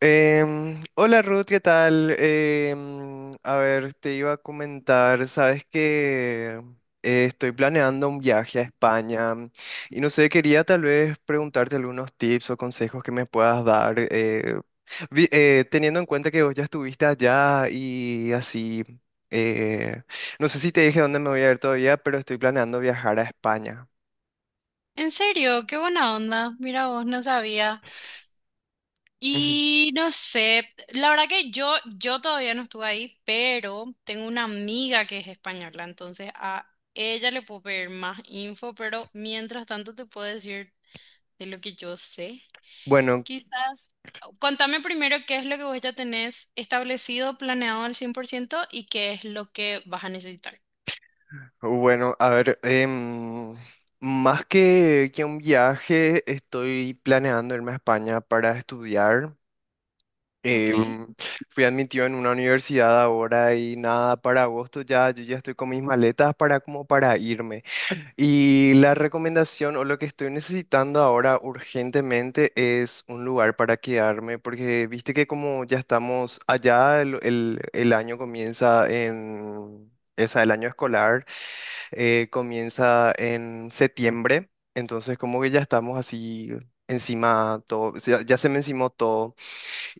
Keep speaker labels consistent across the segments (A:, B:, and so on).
A: Hola Ruth, ¿qué tal? A ver, te iba a comentar, sabes que estoy planeando un viaje a España, y no sé, quería tal vez preguntarte algunos tips o consejos que me puedas dar, teniendo en cuenta que vos ya estuviste allá y así. eh, no sé si te dije dónde me voy a ir todavía, pero estoy planeando viajar a España.
B: En serio, qué buena onda. Mira vos, no sabía.
A: Ujú.
B: Y no sé, la verdad que yo todavía no estuve ahí, pero tengo una amiga que es española, entonces a ella le puedo pedir más info, pero mientras tanto te puedo decir de lo que yo sé.
A: Bueno,
B: Quizás, contame primero qué es lo que vos ya tenés establecido, planeado al 100% y qué es lo que vas a necesitar.
A: bueno, a ver, más que un viaje, estoy planeando irme a España para estudiar.
B: Ok.
A: Em, Fui admitido en una universidad ahora y nada, para agosto ya, yo ya estoy con mis maletas para, como, para irme. Y la recomendación o lo que estoy necesitando ahora urgentemente es un lugar para quedarme, porque viste que como ya estamos allá, el año comienza en... O sea, el año escolar comienza en septiembre, entonces como que ya estamos así encima todo, o sea, ya, se me encimó todo.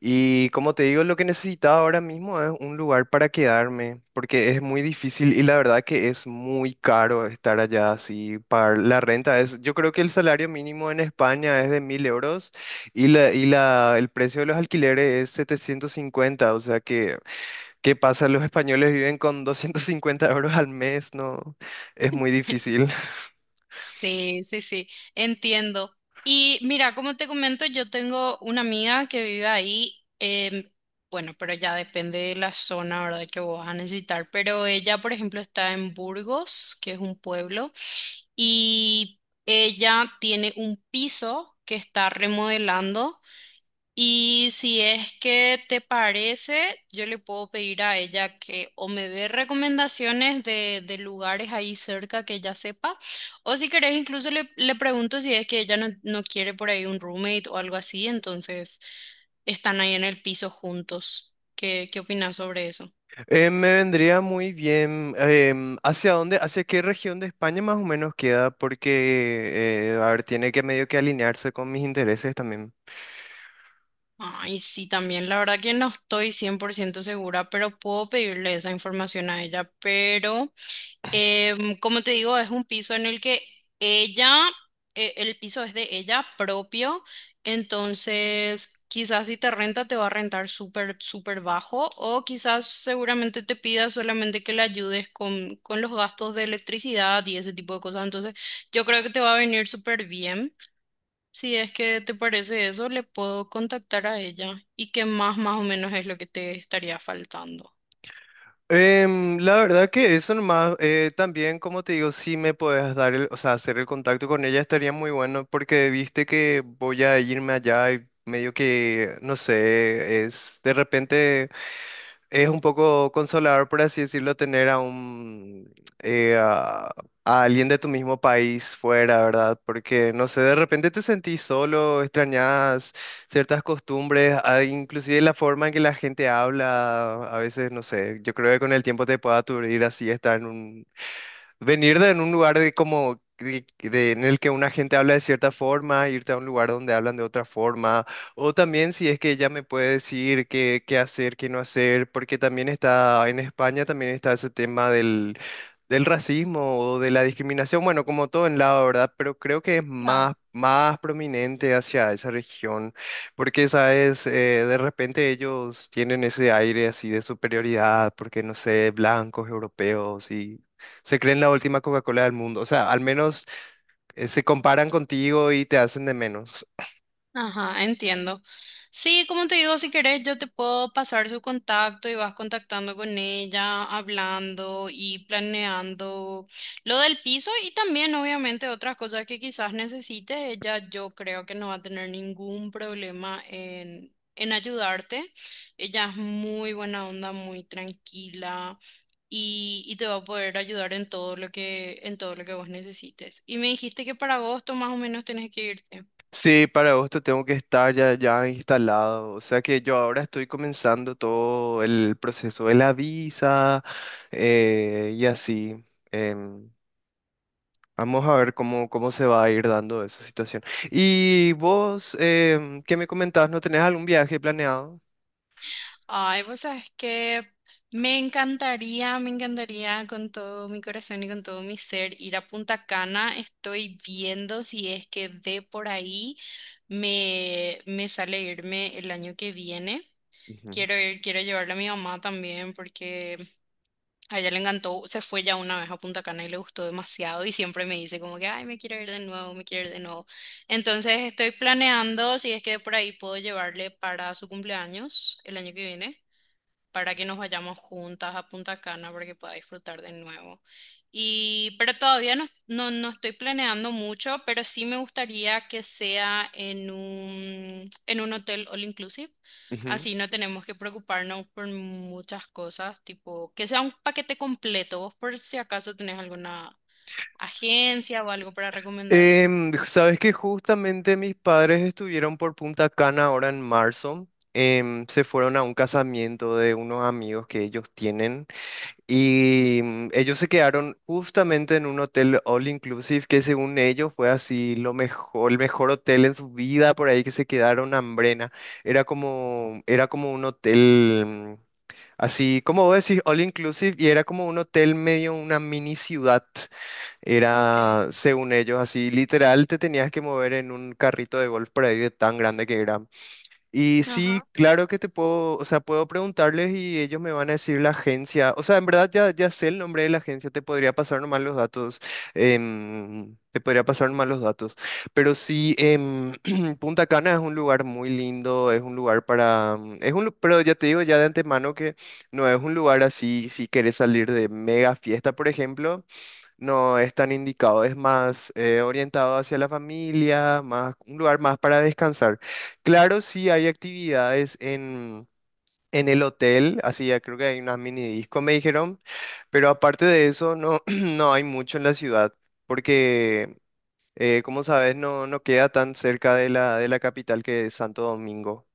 A: Y como te digo, lo que necesitaba ahora mismo es un lugar para quedarme, porque es muy difícil y la verdad que es muy caro estar allá así. Pagar la renta es, yo creo que el salario mínimo en España es de 1.000 euros y el precio de los alquileres es 750, o sea que, ¿qué pasa? Los españoles viven con 250 euros al mes, no, es muy difícil.
B: Sí, sí, sí, entiendo. Y mira, como te comento, yo tengo una amiga que vive ahí. em, bueno, pero ya depende de la zona, ¿verdad? Que vos vas a necesitar, pero ella, por ejemplo, está en Burgos, que es un pueblo, y ella tiene un piso que está remodelando. Y si es que te parece, yo le puedo pedir a ella que o me dé recomendaciones de lugares ahí cerca que ella sepa, o si querés incluso le pregunto si es que ella no quiere por ahí un roommate o algo así, entonces están ahí en el piso juntos. ¿Qué, qué opinas sobre eso?
A: Me vendría muy bien. ¿Hacia dónde, hacia qué región de España más o menos queda? Porque, a ver, tiene que medio que alinearse con mis intereses también.
B: Ay, sí, también la verdad que no estoy 100% segura, pero puedo pedirle esa información a ella, pero... como te digo, es un piso en el que ella, el piso es de ella propio, entonces quizás si te renta te va a rentar súper, súper bajo o quizás seguramente te pida solamente que le ayudes con los gastos de electricidad y ese tipo de cosas, entonces yo creo que te va a venir súper bien. Si es que te parece eso, le puedo contactar a ella y qué más, más o menos es lo que te estaría faltando.
A: La verdad que eso nomás. También, como te digo, si me puedes dar el, o sea, hacer el contacto con ella, estaría muy bueno, porque viste que voy a irme allá y medio que, no sé, es de repente. Es un poco consolador, por así decirlo, tener a eh, a, a alguien de tu mismo país fuera, ¿verdad? Porque, no sé, de repente te sentís solo, extrañas ciertas costumbres, inclusive la forma en que la gente habla, a veces, no sé. Yo creo que con el tiempo te puede aturdir así venir de en un lugar, de como en el que una gente habla de cierta forma, irte a un lugar donde hablan de otra forma. O también si es que ella me puede decir qué hacer, qué no hacer, porque también está en España, también está ese tema del racismo o de la discriminación, bueno, como todo en lado, ¿verdad? Pero creo que es más prominente hacia esa región, porque sabes. De repente ellos tienen ese aire así de superioridad, porque no sé, blancos, europeos, y se creen la última Coca-Cola del mundo. O sea, al menos se comparan contigo y te hacen de menos.
B: Ajá, entiendo. Sí, como te digo, si querés, yo te puedo pasar su contacto y vas contactando con ella, hablando y planeando lo del piso y también, obviamente, otras cosas que quizás necesite. Ella, yo creo que no va a tener ningún problema en ayudarte. Ella es muy buena onda, muy tranquila y te va a poder ayudar en todo lo que, en todo lo que vos necesites. Y me dijiste que para agosto más o menos tenés que irte.
A: Sí, para agosto tengo que estar ya, ya instalado. O sea que yo ahora estoy comenzando todo el proceso de la visa y así. Em, Vamos a ver cómo se va a ir dando esa situación. ¿Y vos, qué me comentabas? ¿No tenés algún viaje planeado?
B: Ay, pues sabes que me encantaría con todo mi corazón y con todo mi ser ir a Punta Cana. Estoy viendo si es que de por ahí me sale irme el año que viene.
A: Ujú.
B: Quiero ir, quiero llevarle a mi mamá también porque a ella le encantó, se fue ya una vez a Punta Cana y le gustó demasiado y siempre me dice como que, ay, me quiero ir de nuevo, me quiero ir de nuevo. Entonces estoy planeando si es que de por ahí puedo llevarle para su cumpleaños el año que viene para que nos vayamos juntas a Punta Cana para que pueda disfrutar de nuevo. Y, pero todavía no estoy planeando mucho, pero sí me gustaría que sea en un hotel all inclusive.
A: Ujú.
B: Así no tenemos que preocuparnos por muchas cosas, tipo que sea un paquete completo. Vos por si acaso tenés alguna agencia o algo para recomendar.
A: Sabes que justamente mis padres estuvieron por Punta Cana ahora en marzo. Se fueron a un casamiento de unos amigos que ellos tienen, y ellos se quedaron justamente en un hotel all inclusive que, según ellos, fue así lo mejor, el mejor hotel en su vida por ahí que se quedaron, hambrena. Era como un hotel, así, como vos decís, all inclusive, y era como un hotel medio una mini ciudad.
B: Ok.
A: Era, según ellos, así literal, te tenías que mover en un carrito de golf por ahí, de tan grande que era. Y sí,
B: Ajá.
A: claro que te puedo, o sea, puedo preguntarles y ellos me van a decir la agencia. O sea, en verdad ya, ya sé el nombre de la agencia, te podría pasar nomás los datos. Te podría pasar nomás los datos. Pero sí, Punta Cana es un lugar muy lindo, es un lugar para... mm, Es un, lu- pero ya te digo ya de antemano que no es un lugar así, si quieres salir de mega fiesta, por ejemplo. No es tan indicado, es más orientado hacia la familia, más un lugar más para descansar. Claro, sí hay actividades en, el hotel, así ya creo que hay unas mini disco, me dijeron, pero aparte de eso no, no hay mucho en la ciudad, porque como sabes, no, no queda tan cerca de la capital, que es Santo Domingo.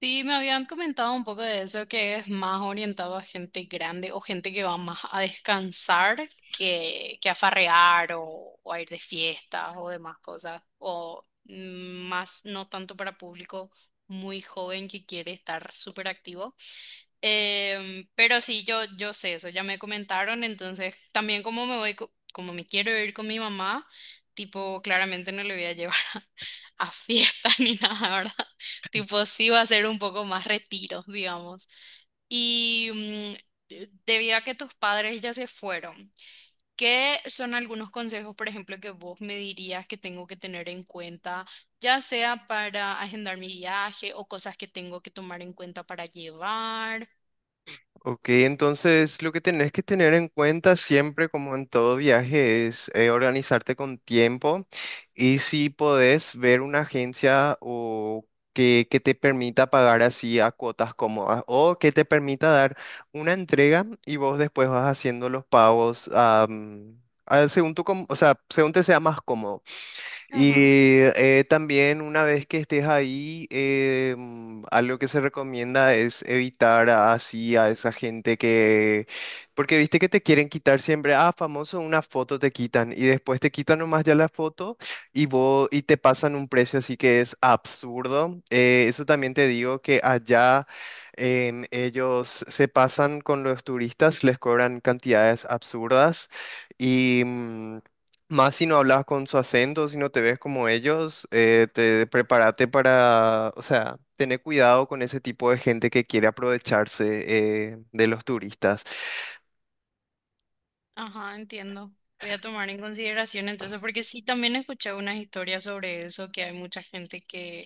B: Sí, me habían comentado un poco de eso, que es más orientado a gente grande o gente que va más a descansar que a farrear o a ir de fiestas o demás cosas, o mm, más no tanto para público muy joven que quiere estar súper activo. Pero sí, yo sé eso, ya me comentaron, entonces también como me voy, como me quiero ir con mi mamá, tipo, claramente no le voy a llevar a, fiesta ni nada, ¿verdad? Tipo, sí va a ser un poco más retiro, digamos. Y mm, debido a que tus padres ya se fueron, ¿qué son algunos consejos, por ejemplo, que vos me dirías que tengo que tener en cuenta, ya sea para agendar mi viaje o cosas que tengo que tomar en cuenta para llevar?
A: Ok, entonces lo que tenés que tener en cuenta siempre, como en todo viaje, es organizarte con tiempo, y si podés ver una agencia o que te permita pagar así a cuotas cómodas, o que te permita dar una entrega y vos después vas haciendo los pagos, según tu, o sea, según te sea más cómodo. Y también, una vez que estés ahí, algo que se recomienda es evitar así a esa gente que, porque viste que te quieren quitar siempre, ah, famoso, una foto te quitan, y después te quitan nomás ya la foto y vos, y te pasan un precio así que es absurdo. Eso también te digo que allá ellos se pasan con los turistas, les cobran cantidades absurdas, y más si no hablas con su acento, si no te ves como ellos. Te prepárate para, o sea, tener cuidado con ese tipo de gente que quiere aprovecharse de los turistas.
B: Ajá, entiendo. Voy a tomar en consideración entonces, porque sí, también escuché unas historias sobre eso, que hay mucha gente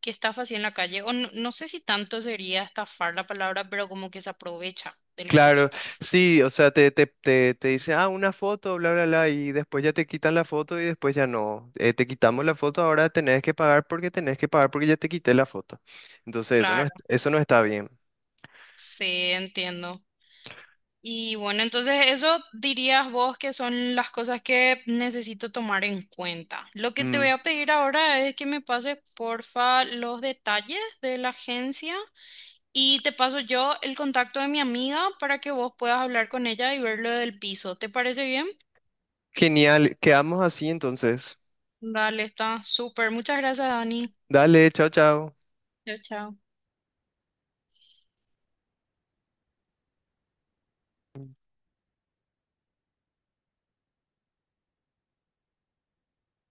B: que estafa así en la calle, o no, no sé si tanto sería estafar la palabra, pero como que se aprovecha de los
A: Claro,
B: turistas.
A: sí, o sea, te dice, ah, una foto, bla, bla, bla, y después ya te quitan la foto, y después ya no. Te quitamos la foto, ahora tenés que pagar, porque tenés que pagar, porque ya te quité la foto. Entonces, eso no,
B: Claro.
A: eso no está bien.
B: Sí, entiendo. Y bueno, entonces eso dirías vos que son las cosas que necesito tomar en cuenta. Lo que te
A: Mm,
B: voy a pedir ahora es que me pases, porfa, los detalles de la agencia y te paso yo el contacto de mi amiga para que vos puedas hablar con ella y ver lo del piso. ¿Te parece bien?
A: genial, quedamos así entonces.
B: Dale, está súper. Muchas gracias, Dani.
A: Dale, chao, chao.
B: Chao, chao.